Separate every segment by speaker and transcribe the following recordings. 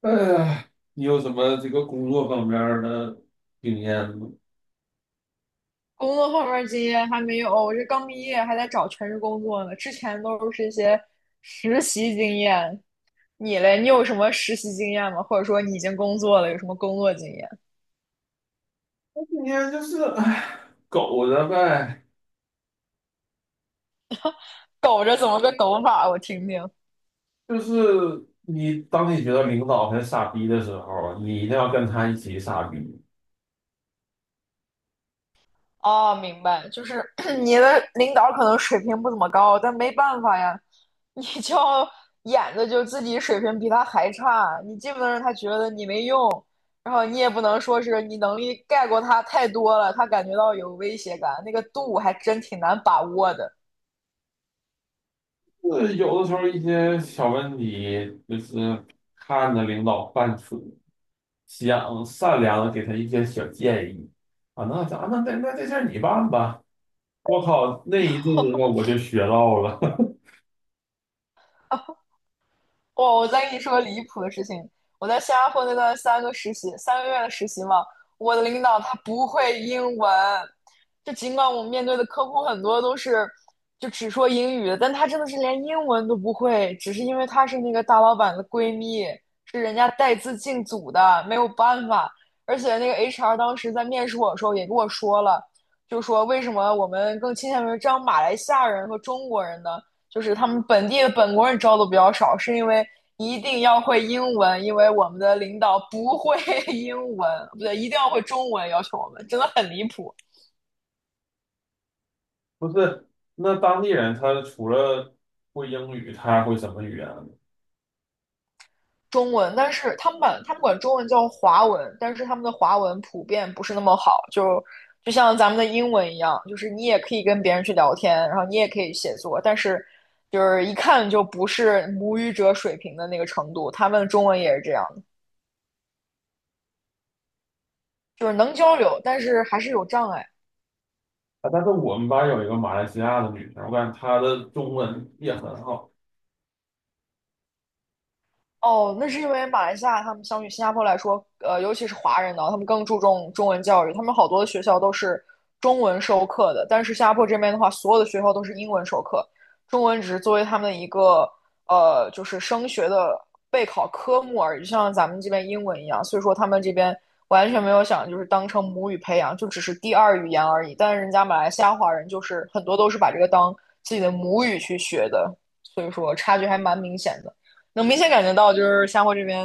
Speaker 1: 哎呀，你有什么这个工作方面儿的经验吗？
Speaker 2: 工作后面经验还没有，我这刚毕业还在找全职工作呢。之前都是一些实习经验。你嘞，你有什么实习经验吗？或者说你已经工作了，有什么工作经验？
Speaker 1: 我今天就是，哎，苟着呗。
Speaker 2: 抖着怎么个抖法？我听听。
Speaker 1: 就是你当你觉得领导很傻逼的时候，你一定要跟他一起傻逼。
Speaker 2: 哦，明白，就是 你的领导可能水平不怎么高，但没办法呀，你就演的就自己水平比他还差，你既不能让他觉得你没用，然后你也不能说是你能力盖过他太多了，他感觉到有威胁感，那个度还真挺难把握的。
Speaker 1: 就是有的时候一些小问题，就是看着领导犯蠢，想善良的给他一些小建议啊。那咱那那那这事儿你办吧。我靠，那一阵子我就学到了。
Speaker 2: 哇，我再跟你说个离谱的事情，我在新加坡那段三个实习，3个月的实习嘛，我的领导他不会英文，就尽管我们面对的客户很多都是就只说英语，但他真的是连英文都不会，只是因为他是那个大老板的闺蜜，是人家带资进组的，没有办法。而且那个 HR 当时在面试我的时候也跟我说了，就说为什么我们更倾向于招马来西亚人和中国人呢？就是他们本地的本国人招的比较少，是因为一定要会英文，因为我们的领导不会 英文，不对，一定要会中文，要求我们真的很离谱。
Speaker 1: 不是，那当地人他除了会英语，他还会什么语言呢？
Speaker 2: 中文，但是他们管中文叫华文，但是他们的华文普遍不是那么好，就就像咱们的英文一样，就是你也可以跟别人去聊天，然后你也可以写作，但是就是一看就不是母语者水平的那个程度。他们中文也是这样的，就是能交流，但是还是有障碍。
Speaker 1: 啊，但是我们班有一个马来西亚的女生，我感觉她的中文也很好。
Speaker 2: 哦，那是因为马来西亚他们相比新加坡来说，尤其是华人呢，他们更注重中文教育，他们好多的学校都是中文授课的，但是新加坡这边的话，所有的学校都是英文授课，中文只是作为他们的一个就是升学的备考科目而已，就像咱们这边英文一样，所以说他们这边完全没有想就是当成母语培养，就只是第二语言而已，但是人家马来西亚华人就是很多都是把这个当自己的母语去学的，所以说差距还蛮明显的。能明显感觉到，就是新加坡这边，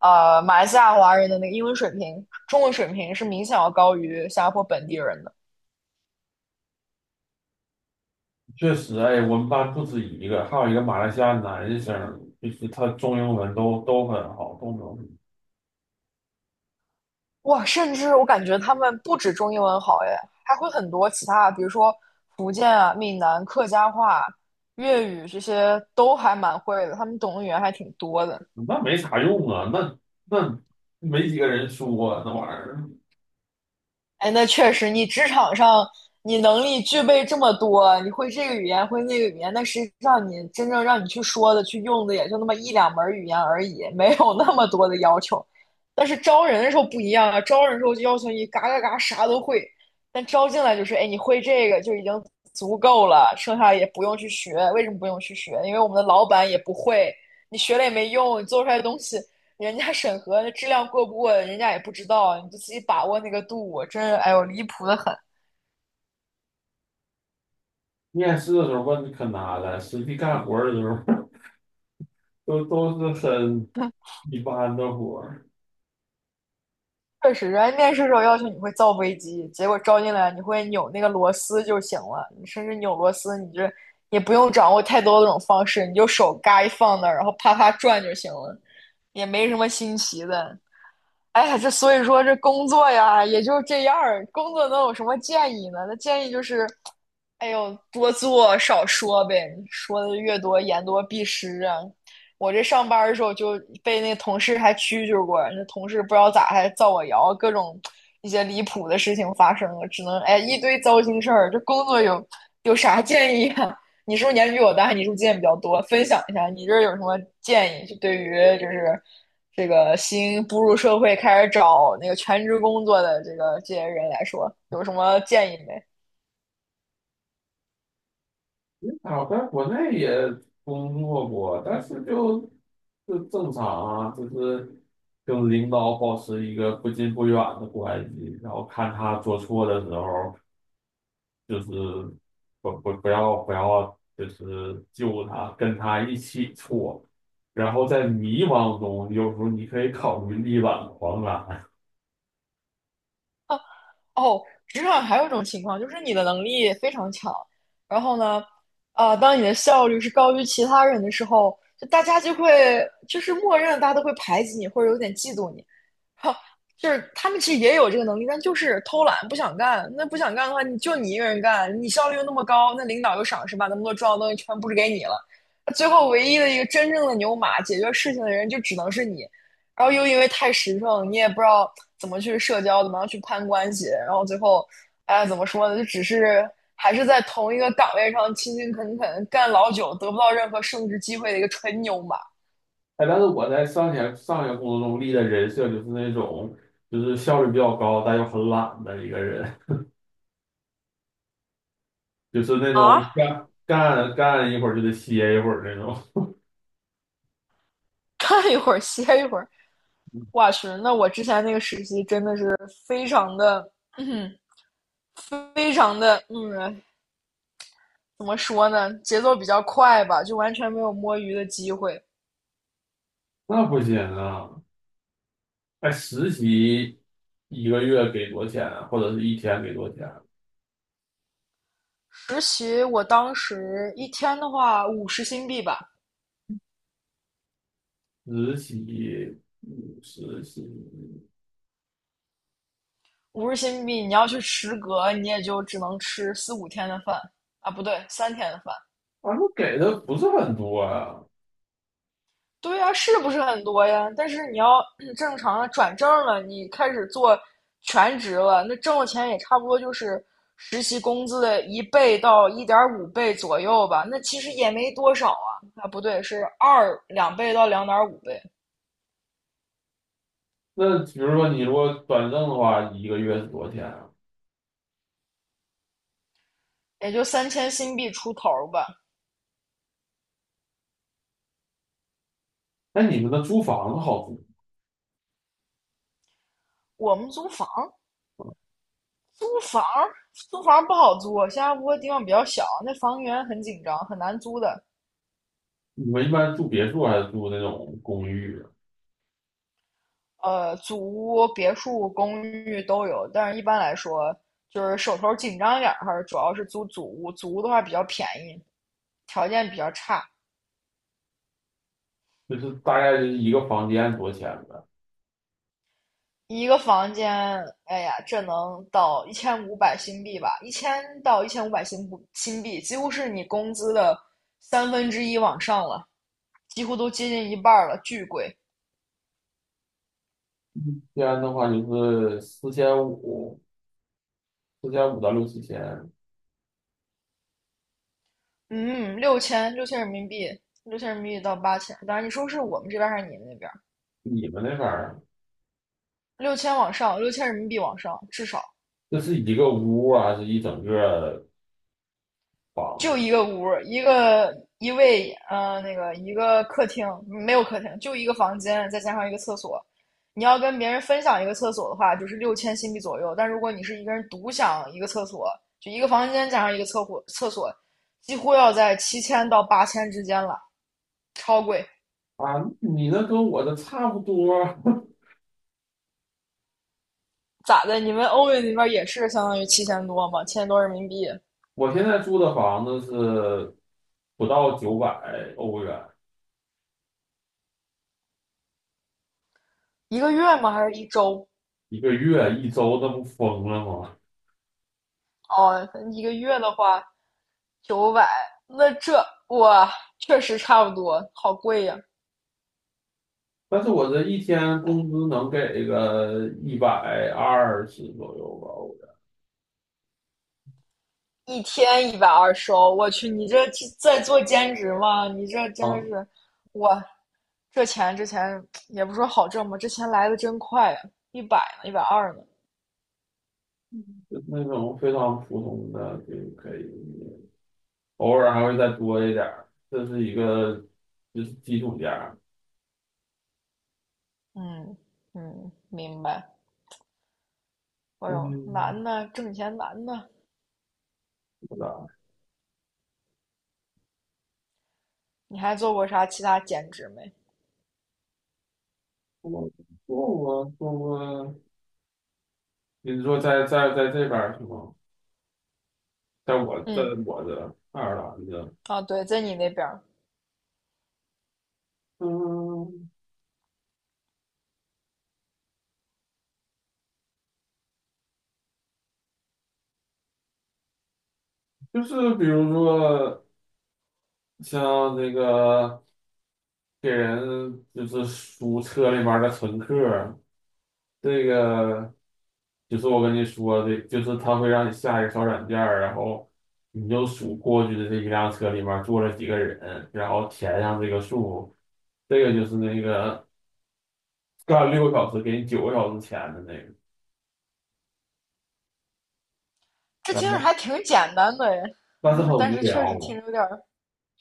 Speaker 2: 马来西亚华人的那个英文水平、中文水平是明显要高于新加坡本地人的。
Speaker 1: 确实，哎，我们班不止一个，还有一个马来西亚男生，就是他中英文都很好，都
Speaker 2: 哇，甚至我感觉他们不止中英文好，哎，还会很多其他，比如说福建啊、闽南、客家话、粤语这些都还蛮会的，他们懂的语言还挺多的。
Speaker 1: 能。那没啥用啊，那没几个人说啊那玩意儿。
Speaker 2: 哎，那确实，你职场上你能力具备这么多，你会这个语言，会那个语言，但实际上你真正让你去说的、去用的也就那么一两门语言而已，没有那么多的要求。但是招人的时候不一样啊，招人的时候就要求你嘎嘎嘎啥都会，但招进来就是，哎，你会这个就已经足够了，剩下也不用去学。为什么不用去学？因为我们的老板也不会，你学了也没用，你做出来的东西人家审核质量过不过，人家也不知道，你就自己把握那个度，真是哎呦离谱的很。
Speaker 1: 面试的时候问可难了，实际干活儿的时候 都是很一般的活儿
Speaker 2: 确实，人家面试时候要求你会造飞机，结果招进来你会扭那个螺丝就行了，你甚至扭螺丝，你就，也不用掌握太多的这种方式，你就手嘎一放那儿，然后啪啪转就行了，也没什么新奇的。哎呀，这所以说这工作呀，也就这样儿。工作能有什么建议呢？那建议就是，哎呦，多做少说呗，说的越多，言多必失啊。我这上班儿的时候就被那同事还蛐蛐过，那同事不知道咋还造我谣，各种一些离谱的事情发生了，只能哎一堆糟心事儿。这工作有啥建议啊？你是不是年龄比我大？你是不是经验比较多？分享一下，你这儿有什么建议？就对于就是这个新步入社会开始找那个全职工作的这个这些人来说，有什么建议没？
Speaker 1: 啊，我在国内也工作过，但是就正常啊，就是跟领导保持一个不近不远的关系，然后看他做错的时候，就是不要，就是救他，跟他一起错，然后在迷茫中，有时候你可以考虑力挽狂澜。
Speaker 2: 啊，哦，职场还有一种情况，就是你的能力非常强，然后呢，啊，当你的效率是高于其他人的时候，就大家就会就是默认大家都会排挤你，或者有点嫉妒你。哈，就是他们其实也有这个能力，但就是偷懒不想干。那不想干的话，你就你一个人干，你效率又那么高，那领导又赏识，把那么多重要的东西全布置给你了。最后唯一的一个真正的牛马，解决事情的人就只能是你。然后又因为太实诚，你也不知道怎么去社交，怎么样去攀关系，然后最后，哎，怎么说呢？就只是还是在同一个岗位上勤勤恳恳干老久，得不到任何升职机会的一个纯牛马
Speaker 1: 哎，但是我在上一个工作中立的人设就是那种就是效率比较高，但又很懒的一个人。就是那
Speaker 2: 啊！
Speaker 1: 种 干一会儿就得歇一会儿那种，
Speaker 2: 干一会儿歇一会儿，哇去，那我之前那个实习真的是非常的，嗯，非常的，怎么说呢？节奏比较快吧，就完全没有摸鱼的机会。
Speaker 1: 那不行啊！哎，实习一个月给多少钱啊或者是一天给多少钱啊？
Speaker 2: 实习我当时一天的话五十新币吧，
Speaker 1: 实习，
Speaker 2: 五十新币你要去食阁，你也就只能吃四五天的饭啊，不对，3天的饭。
Speaker 1: 反正给的不是很多啊。
Speaker 2: 对呀，是不是很多呀？但是你要正常的转正了，你开始做全职了，那挣的钱也差不多就是实习工资的一倍到1.5倍左右吧。那其实也没多少啊，啊不对，是二两倍到2.5倍，
Speaker 1: 那比如说你如果转正的话，一个月是多少钱啊？
Speaker 2: 也就3000新币出头儿吧。
Speaker 1: 哎，你们的租房子好租？
Speaker 2: 我们租房，租房，租房不好租，新加坡地方比较小，那房源很紧张，很难租的。
Speaker 1: 你们一般住别墅还是住那种公寓啊？
Speaker 2: 祖屋、别墅、公寓都有，但是一般来说，就是手头紧张一点儿，还是主要是租祖屋。祖屋的话比较便宜，条件比较差，
Speaker 1: 就是大概就是一个房间多少钱呗？
Speaker 2: 一个房间，哎呀，这能到1500新币吧？1000到1500新不新币，几乎是你工资的三分之一往上了，几乎都接近一半了，巨贵。
Speaker 1: 一般的话就是四千五。四千五到六七千，
Speaker 2: 嗯，六千，六千人民币，6000人民币到8000。当然，你说是我们这边还是你们那边？
Speaker 1: 你们那边儿
Speaker 2: 六千往上，六千人民币往上，至少
Speaker 1: 这是一个屋啊，还是一整个房
Speaker 2: 就
Speaker 1: 子
Speaker 2: 一个屋，一个一卫，那个一个客厅，没有客厅，就一个房间，再加上一个厕所。你要跟别人分享一个厕所的话，就是六千新币左右。但如果你是一个人独享一个厕所，就一个房间加上一个厕所，厕所几乎要在7000到8000之间了，超贵。
Speaker 1: 啊？你那跟我的差不多，
Speaker 2: 咋的？你们欧元那边也是相当于七千多吗？千多人民币
Speaker 1: 我现在住的房子是不到900欧元，
Speaker 2: 一个月吗？还是一周？
Speaker 1: 一个月一周，那不疯了吗？
Speaker 2: 哦，一个月的话。900，那这哇，确实差不多，好贵呀、
Speaker 1: 但是我这一天工资能给个120左右吧，
Speaker 2: 一天120欧我去，你这去在做兼职吗？你这
Speaker 1: 我
Speaker 2: 真的
Speaker 1: 啊，
Speaker 2: 是，哇，这钱也不说好挣吧，这钱来的真快呀、一百呢，一百二呢，
Speaker 1: 就是那种非常普通的就可以，偶尔还会再多一点儿，这是一个就是基础价。
Speaker 2: 嗯嗯，明白。哎呦，
Speaker 1: 嗯，
Speaker 2: 难呢，挣钱难呢。
Speaker 1: 是吧？
Speaker 2: 你还做过啥其他兼职没？
Speaker 1: 我我做过，你是说在这边儿是吗？在我在
Speaker 2: 嗯，
Speaker 1: 我的爱尔兰的，
Speaker 2: 啊，对，在你那边儿，
Speaker 1: 嗯，就是比如说像那个给人就是数车里面儿的乘客儿这个就是我跟你说的，就是他会让你下一个小软件儿然后你就数过去的这一辆车里面儿坐了几个人，然后填上这个数，这个就是那个干6个小时给你9个小时钱的那个。
Speaker 2: 这
Speaker 1: 然
Speaker 2: 听着
Speaker 1: 后
Speaker 2: 还挺简单的呀，
Speaker 1: 但是很
Speaker 2: 但
Speaker 1: 无
Speaker 2: 是确实听
Speaker 1: 聊。
Speaker 2: 着有点儿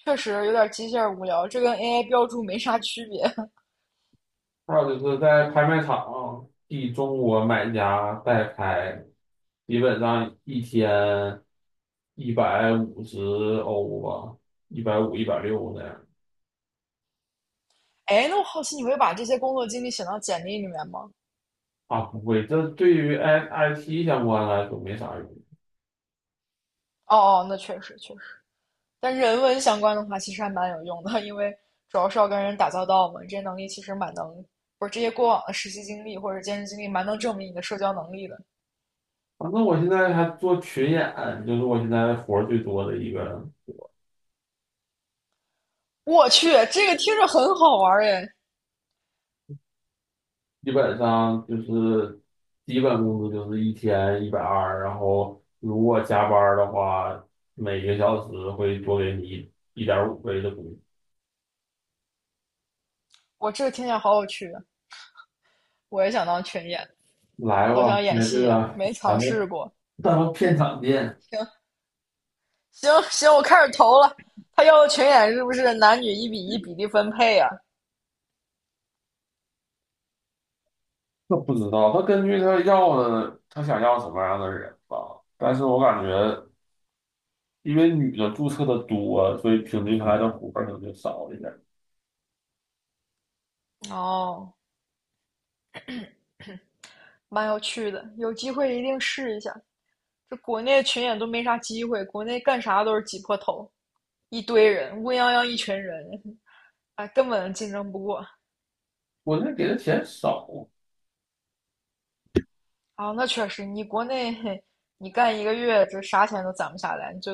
Speaker 2: 确实有点机械无聊，这跟 AI 标注没啥区别。
Speaker 1: 还有就是在拍卖场替中国买家代拍，基本上一天150欧吧，一百五、160那样。
Speaker 2: 哎，那我好奇你会把这些工作经历写到简历里面吗？
Speaker 1: 啊，不会，这对于 IT 相关来说没啥用。
Speaker 2: 哦哦，那确实确实，但人文相关的话其实还蛮有用的，因为主要是要跟人打交道嘛，这些能力其实蛮能，不是这些过往的实习经历或者兼职经历蛮能证明你的社交能力的。
Speaker 1: 反正我现在还做群演，就是我现在活儿最多的一个
Speaker 2: 我去，这个听着很好玩儿哎，
Speaker 1: 基本上就是基本工资就是一天一百二，然后如果加班儿的话，每个小时会多给你1.5倍的工资。
Speaker 2: 我这个听起来好有趣啊，我也想当群演，
Speaker 1: 来
Speaker 2: 好
Speaker 1: 吧，
Speaker 2: 想演
Speaker 1: 那这
Speaker 2: 戏呀、
Speaker 1: 个
Speaker 2: 没
Speaker 1: 咱
Speaker 2: 尝试
Speaker 1: 们
Speaker 2: 过。
Speaker 1: 咱们片场见。
Speaker 2: 行，行行，我开始投了。他要的群演是不是男女1:1比例分配啊？
Speaker 1: 那不知道，他根据他要的，他想要什么样的人吧。但是我感觉，因为女的注册的多，所以平均下来的活儿可能就少一点。
Speaker 2: 哦，蛮有趣的，有机会一定试一下。这国内群演都没啥机会，国内干啥都是挤破头，一堆人，乌泱泱一群人，哎，根本竞争不过。
Speaker 1: 我那给的钱少，
Speaker 2: 啊，那确实，你国内你干一个月，这啥钱都攒不下来，你最后。